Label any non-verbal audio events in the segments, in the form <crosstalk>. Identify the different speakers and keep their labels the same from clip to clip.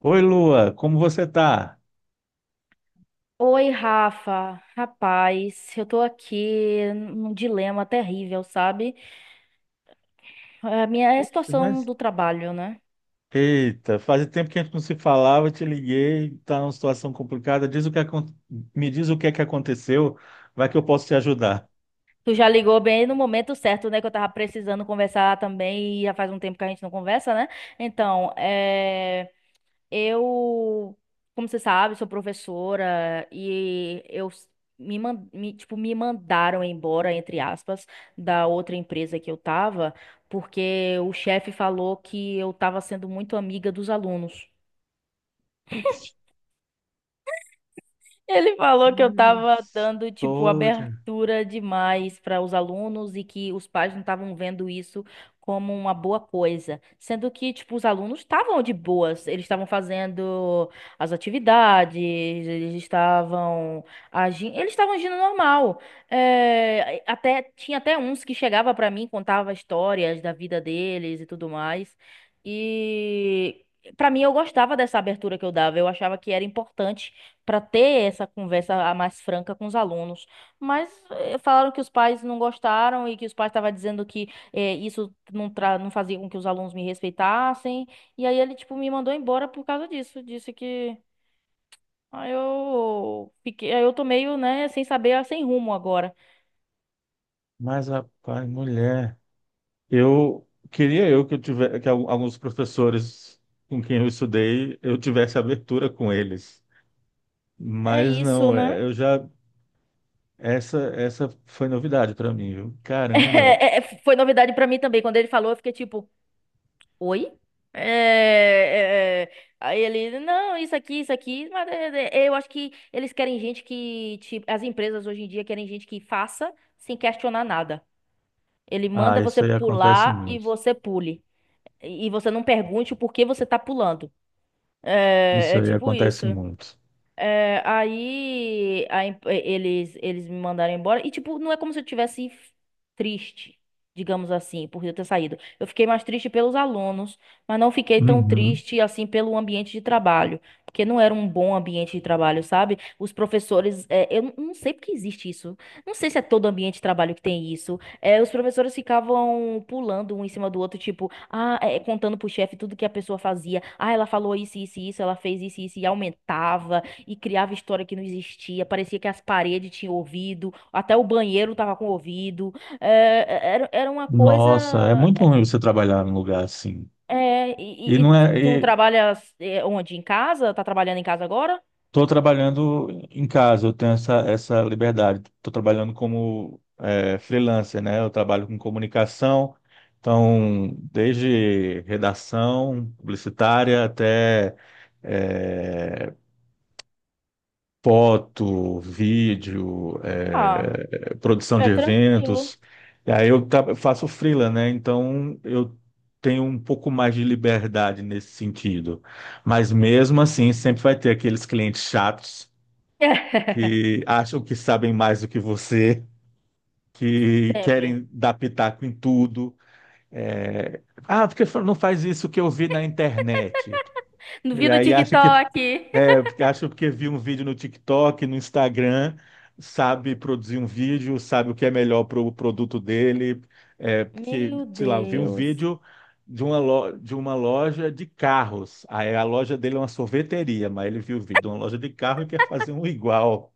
Speaker 1: Oi, Lua, como você tá?
Speaker 2: Oi, Rafa. Rapaz, eu tô aqui num dilema terrível, sabe? A minha é a
Speaker 1: Poxa,
Speaker 2: situação do trabalho, né?
Speaker 1: eita, faz tempo que a gente não se falava, eu te liguei, tá numa situação complicada. Diz o que acon- Me diz o que é que aconteceu, vai que eu posso te ajudar.
Speaker 2: Tu já ligou bem no momento certo, né? Que eu tava precisando conversar também e já faz um tempo que a gente não conversa, né? Então, é. Eu, como você sabe, sou professora e eu s- me, man- me, tipo, me mandaram embora, entre aspas, da outra empresa que eu tava, porque o chefe falou que eu tava sendo muito amiga dos alunos.
Speaker 1: Putz,
Speaker 2: Ele falou que eu
Speaker 1: olha a
Speaker 2: tava dando, tipo,
Speaker 1: História,
Speaker 2: abertura demais para os alunos e que os pais não estavam vendo isso como uma boa coisa. Sendo que, tipo, os alunos estavam de boas, eles estavam fazendo as atividades, eles estavam eles estavam agindo normal. É, até tinha até uns que chegava para mim, contava histórias da vida deles e tudo mais. E. Para mim, eu gostava dessa abertura que eu dava. Eu achava que era importante para ter essa conversa a mais franca com os alunos. Mas falaram que os pais não gostaram e que os pais estavam dizendo que isso não, tra não fazia com que os alunos me respeitassem. E aí ele, tipo, me mandou embora por causa disso. Disse que. Aí eu fiquei, aí eu tô meio, né, sem saber, sem rumo agora.
Speaker 1: mas rapaz, mulher, eu queria eu que eu tivesse que al- alguns professores com quem eu estudei, eu tivesse abertura com eles.
Speaker 2: É
Speaker 1: Mas
Speaker 2: isso,
Speaker 1: não, é,
Speaker 2: né?
Speaker 1: eu
Speaker 2: <laughs>
Speaker 1: já essa essa foi novidade para mim, viu? Caramba.
Speaker 2: É, é, foi novidade pra mim também. Quando ele falou, eu fiquei tipo. Oi? É, é, é. Aí ele, não, isso aqui, mas é, é, é, eu acho que eles querem gente que, tipo, as empresas hoje em dia querem gente que faça sem questionar nada. Ele
Speaker 1: Ah,
Speaker 2: manda
Speaker 1: isso
Speaker 2: você
Speaker 1: aí acontece
Speaker 2: pular e
Speaker 1: muito.
Speaker 2: você pule. E você não pergunte o porquê você tá pulando. É,
Speaker 1: Isso
Speaker 2: é
Speaker 1: aí
Speaker 2: tipo isso.
Speaker 1: acontece muito.
Speaker 2: É, aí, eles me mandaram embora. E, tipo, não é como se eu tivesse triste, digamos assim, por eu ter saído. Eu fiquei mais triste pelos alunos, mas não fiquei tão
Speaker 1: Uhum.
Speaker 2: triste, assim, pelo ambiente de trabalho. Porque não era um bom ambiente de trabalho, sabe? Os professores, eu não sei porque existe isso. Não sei se é todo ambiente de trabalho que tem isso. É, os professores ficavam pulando um em cima do outro, tipo, contando pro chefe tudo que a pessoa fazia. Ah, ela falou isso, isso, isso, ela fez isso, isso, e aumentava e criava história que não existia. Parecia que as paredes tinham ouvido, até o banheiro tava com ouvido. É, é, era uma coisa.
Speaker 1: Nossa, é muito
Speaker 2: É,
Speaker 1: ruim você trabalhar num lugar assim.
Speaker 2: é,
Speaker 1: E
Speaker 2: e, e-
Speaker 1: não
Speaker 2: e tu
Speaker 1: é? E
Speaker 2: trabalhas, onde? Em casa? Tá trabalhando em casa agora?
Speaker 1: tô trabalhando em casa, eu tenho essa liberdade. Estou trabalhando como é, freelancer, né? Eu trabalho com comunicação, então, desde redação publicitária até. É, foto, vídeo,
Speaker 2: Ah,
Speaker 1: produção
Speaker 2: é
Speaker 1: de
Speaker 2: tranquilo.
Speaker 1: eventos. E aí faço freela, né? Então eu tenho um pouco mais de liberdade nesse sentido. Mas mesmo assim, sempre vai ter aqueles clientes chatos
Speaker 2: <laughs>
Speaker 1: que acham que sabem mais do que você, que
Speaker 2: Sempre.
Speaker 1: querem dar pitaco em tudo. Eh, ah, porque não faz isso que eu vi na internet.
Speaker 2: Vi
Speaker 1: E
Speaker 2: no
Speaker 1: aí acha que
Speaker 2: TikTok.
Speaker 1: Acho porque vi um vídeo no TikTok, no Instagram, sabe produzir um vídeo, sabe o que é melhor para o produto dele. É, porque,
Speaker 2: Meu
Speaker 1: sei lá, eu vi um
Speaker 2: Deus.
Speaker 1: vídeo de uma, de uma loja de carros. Aí a loja dele é uma sorveteria, mas ele viu o vídeo de uma loja de carro e quer fazer um igual.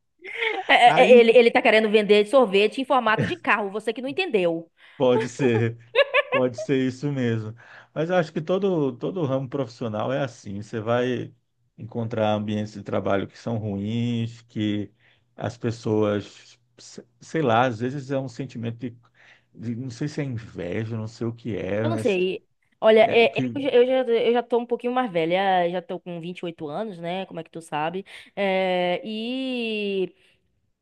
Speaker 2: É, é, é,
Speaker 1: Aí
Speaker 2: ele, ele tá querendo vender sorvete em formato de carro, você que não entendeu.
Speaker 1: pode ser. Pode ser isso mesmo. Mas eu acho que todo, todo ramo profissional é assim. Você vai encontrar ambientes de trabalho que são ruins, que as pessoas, sei lá, às vezes é um sentimento de, não sei se é inveja, não sei o que é,
Speaker 2: Eu não
Speaker 1: mas
Speaker 2: sei. Olha,
Speaker 1: é
Speaker 2: é,
Speaker 1: que.
Speaker 2: eu, já, eu já eu já tô um pouquinho mais velha, já tô com 28 anos, né? Como é que tu sabe? E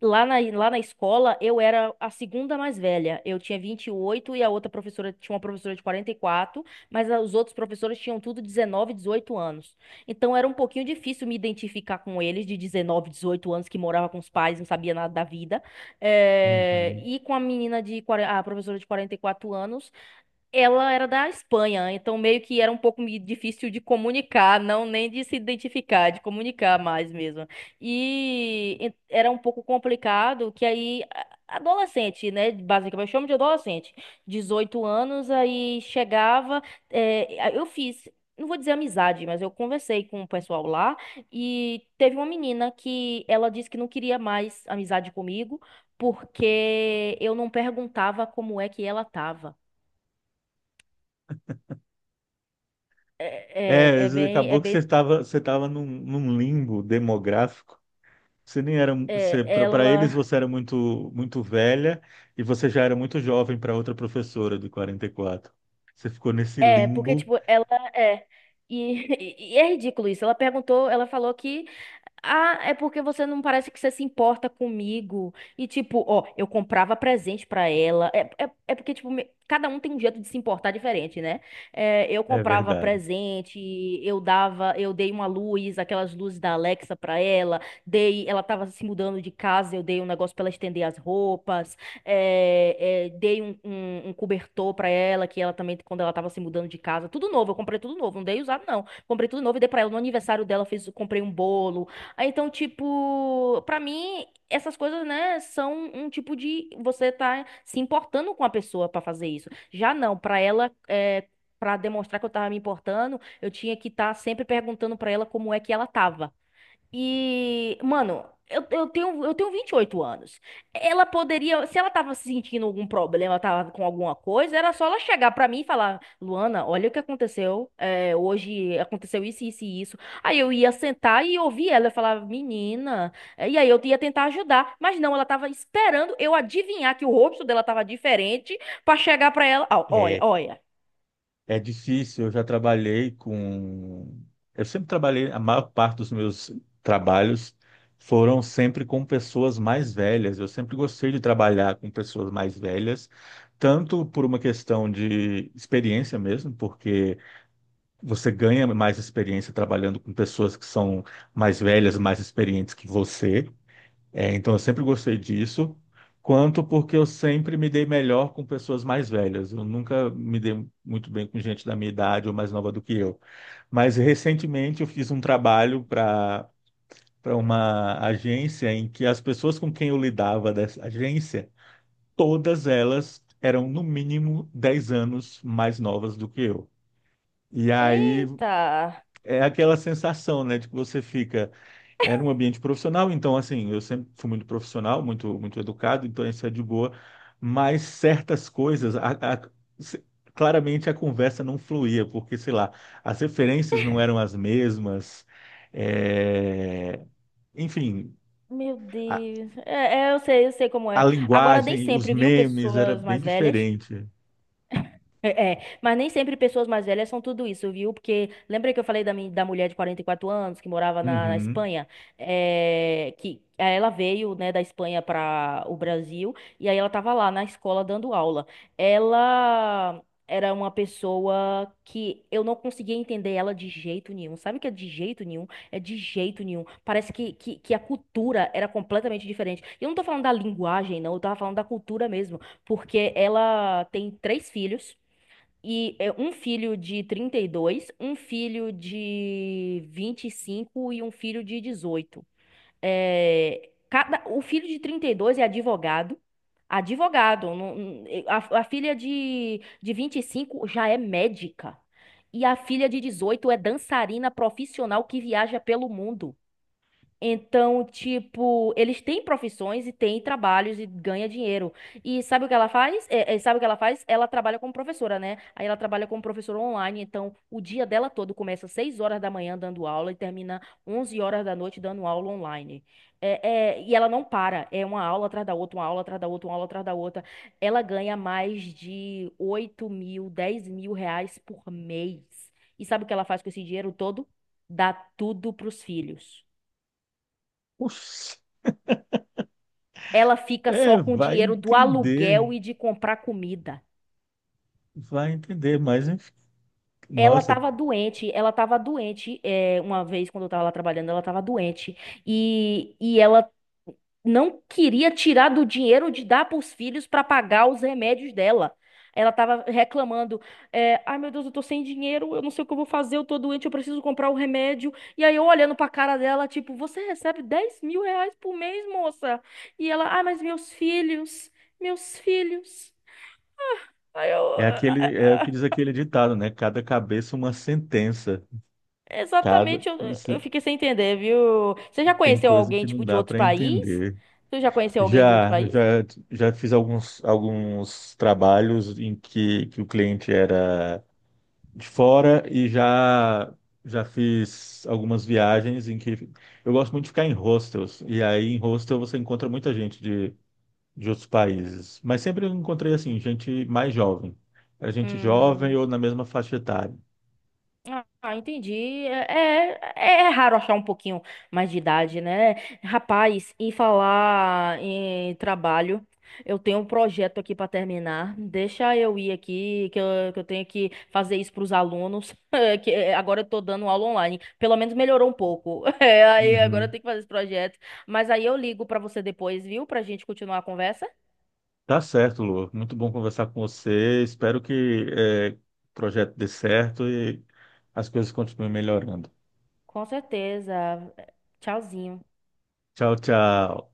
Speaker 2: lá na escola eu era a segunda mais velha. Eu tinha 28 e a outra professora tinha uma professora de 44, mas os outros professores tinham tudo 19 18 anos. Então era um pouquinho difícil me identificar com eles de 19 18 anos que morava com os pais, não sabia nada da vida. É,
Speaker 1: Uhum.
Speaker 2: e com a menina de, 40, a professora de 44 anos. Ela era da Espanha, então meio que era um pouco difícil de comunicar, não nem de se identificar, de comunicar mais mesmo. Era um pouco complicado que adolescente, né, basicamente, eu chamo de adolescente, 18 anos, aí chegava, eu fiz, não vou dizer amizade, mas eu conversei com o pessoal lá e teve uma menina que ela disse que não queria mais amizade comigo porque eu não perguntava como é que ela tava. É,
Speaker 1: É,
Speaker 2: é, é bem, é
Speaker 1: acabou que você
Speaker 2: bem,
Speaker 1: estava você estava num, num limbo demográfico. Você nem era,
Speaker 2: é,
Speaker 1: você, para eles
Speaker 2: ela,
Speaker 1: você era muito muito velha e você já era muito jovem para outra professora de 44. Você ficou nesse
Speaker 2: é, porque,
Speaker 1: limbo,
Speaker 2: tipo, ela é, e, <laughs> É ridículo isso. Ela falou que: "Ah, é porque você não parece que você se importa comigo." E tipo, ó, eu comprava presente pra ela. Porque, tipo, cada um tem um jeito de se importar diferente, né? Eu
Speaker 1: é
Speaker 2: comprava
Speaker 1: verdade.
Speaker 2: presente, eu dei uma luz, aquelas luzes da Alexa pra ela. Dei, ela tava se mudando de casa, eu dei um negócio pra ela estender as roupas. Dei um cobertor pra ela, que ela também, quando ela tava se mudando de casa, tudo novo, eu comprei tudo novo, não dei usado, não. Comprei tudo novo e dei pra ela. No aniversário dela, comprei um bolo. Ah, então, tipo, pra mim, essas coisas, né, são um tipo de você tá se importando com a pessoa pra fazer isso. Já não, pra ela é: pra demonstrar que eu tava me importando, eu tinha que estar sempre perguntando pra ela como é que ela tava. E, mano, eu tenho 28 anos. Ela poderia, se ela tava se sentindo algum problema, ela tava com alguma coisa, era só ela chegar pra mim e falar: "Luana, olha o que aconteceu, hoje aconteceu isso, isso e isso." Aí eu ia sentar e ouvir ela. Eu falava: "Menina, e aí eu ia tentar ajudar. Mas não, ela tava esperando eu adivinhar que o rosto dela tava diferente pra chegar pra ela: "Ó, olha,
Speaker 1: É,
Speaker 2: olha."
Speaker 1: é difícil, eu sempre trabalhei, a maior parte dos meus trabalhos foram sempre com pessoas mais velhas. Eu sempre gostei de trabalhar com pessoas mais velhas, tanto por uma questão de experiência mesmo, porque você ganha mais experiência trabalhando com pessoas que são mais velhas, mais experientes que você. É, então, eu sempre gostei disso. Quanto porque eu sempre me dei melhor com pessoas mais velhas. Eu nunca me dei muito bem com gente da minha idade ou mais nova do que eu. Mas recentemente eu fiz um trabalho para uma agência em que as pessoas com quem eu lidava dessa agência, todas elas eram no mínimo 10 anos mais novas do que eu. E aí
Speaker 2: Eita.
Speaker 1: é aquela sensação, né, de que você fica, era um ambiente profissional, então assim, eu sempre fui muito profissional, muito muito educado, então isso é de boa, mas certas coisas, se- claramente a conversa não fluía, porque sei lá, as referências não eram as mesmas, é, enfim,
Speaker 2: Meu
Speaker 1: a,
Speaker 2: Deus. Eu sei como
Speaker 1: a
Speaker 2: é. Agora, nem
Speaker 1: linguagem, os
Speaker 2: sempre, viu,
Speaker 1: memes era
Speaker 2: pessoas
Speaker 1: bem
Speaker 2: mais velhas.
Speaker 1: diferente.
Speaker 2: É, é. Mas nem sempre pessoas mais velhas são tudo isso, viu? Porque lembra que eu falei da mulher de 44 anos que morava na
Speaker 1: Uhum.
Speaker 2: Espanha? Que aí ela veio, né, da Espanha para o Brasil e aí ela tava lá na escola dando aula. Ela era uma pessoa que eu não conseguia entender ela de jeito nenhum. Sabe o que é de jeito nenhum? É de jeito nenhum. Parece que a cultura era completamente diferente. E eu não tô falando da linguagem, não, eu tava falando da cultura mesmo, porque ela tem três filhos e é um filho de 32, um filho de 25 e cinco e um filho de 18. O filho de 32 é advogado. Advogado. A filha de 25 já é médica. E a filha de 18 é dançarina profissional, que viaja pelo mundo. Então, tipo, eles têm profissões e têm trabalhos e ganha dinheiro. E sabe o que ela faz? Sabe o que ela faz? Ela trabalha como professora, né? Aí ela trabalha como professora online, então o dia dela todo começa às 6 horas da manhã dando aula e termina 11 horas da noite dando aula online. E ela não para, é uma aula atrás da outra, uma aula atrás da outra, uma aula atrás da outra. Ela ganha mais de 8 mil, 10 mil reais por mês. E sabe o que ela faz com esse dinheiro todo? Dá tudo pros filhos.
Speaker 1: Oxi,
Speaker 2: Ela fica
Speaker 1: é,
Speaker 2: só com o dinheiro do aluguel e de comprar comida.
Speaker 1: vai entender, mas enfim, nossa.
Speaker 2: Ela tava doente, uma vez quando eu tava lá trabalhando, ela tava doente. E ela não queria tirar do dinheiro de dar para os filhos para pagar os remédios dela. Ela tava reclamando, ai meu Deus, eu tô sem dinheiro, eu não sei o que eu vou fazer, eu tô doente, eu preciso comprar o remédio. E aí eu olhando pra cara dela, tipo: "Você recebe 10 mil reais por mês, moça?" E ela: "Ai, mas meus filhos, meus filhos." Aí eu,
Speaker 1: É
Speaker 2: ah,
Speaker 1: aquele, é o que
Speaker 2: ah,
Speaker 1: diz
Speaker 2: ah,
Speaker 1: aquele ditado, né? Cada cabeça uma sentença. Cada
Speaker 2: Exatamente, eu
Speaker 1: se-
Speaker 2: fiquei sem entender, viu? Você já
Speaker 1: tem
Speaker 2: conheceu
Speaker 1: coisa
Speaker 2: alguém,
Speaker 1: que não
Speaker 2: tipo, de
Speaker 1: dá
Speaker 2: outro
Speaker 1: para
Speaker 2: país?
Speaker 1: entender.
Speaker 2: Tu já conheceu alguém de outro
Speaker 1: Já,
Speaker 2: país?
Speaker 1: já, já fiz alguns trabalhos em que o cliente era de fora e já, já fiz algumas viagens em que eu gosto muito de ficar em hostels. E aí em hostel você encontra muita gente de outros países. Mas sempre eu encontrei assim, gente mais jovem. Era gente jovem
Speaker 2: Hum.
Speaker 1: ou na mesma faixa etária.
Speaker 2: Ah, entendi. É raro achar um pouquinho mais de idade, né? Rapaz, em falar em trabalho, eu tenho um projeto aqui para terminar. Deixa eu ir aqui, que eu tenho que fazer isso para os alunos. <laughs> Agora eu tô dando aula online. Pelo menos melhorou um pouco. <laughs> Aí agora eu
Speaker 1: Uhum.
Speaker 2: tenho que fazer esse projeto. Mas aí eu ligo para você depois, viu? Pra gente continuar a conversa.
Speaker 1: Tá certo, Lu. Muito bom conversar com você. Espero que o projeto dê certo e as coisas continuem melhorando.
Speaker 2: Com certeza. Tchauzinho.
Speaker 1: Tchau, tchau.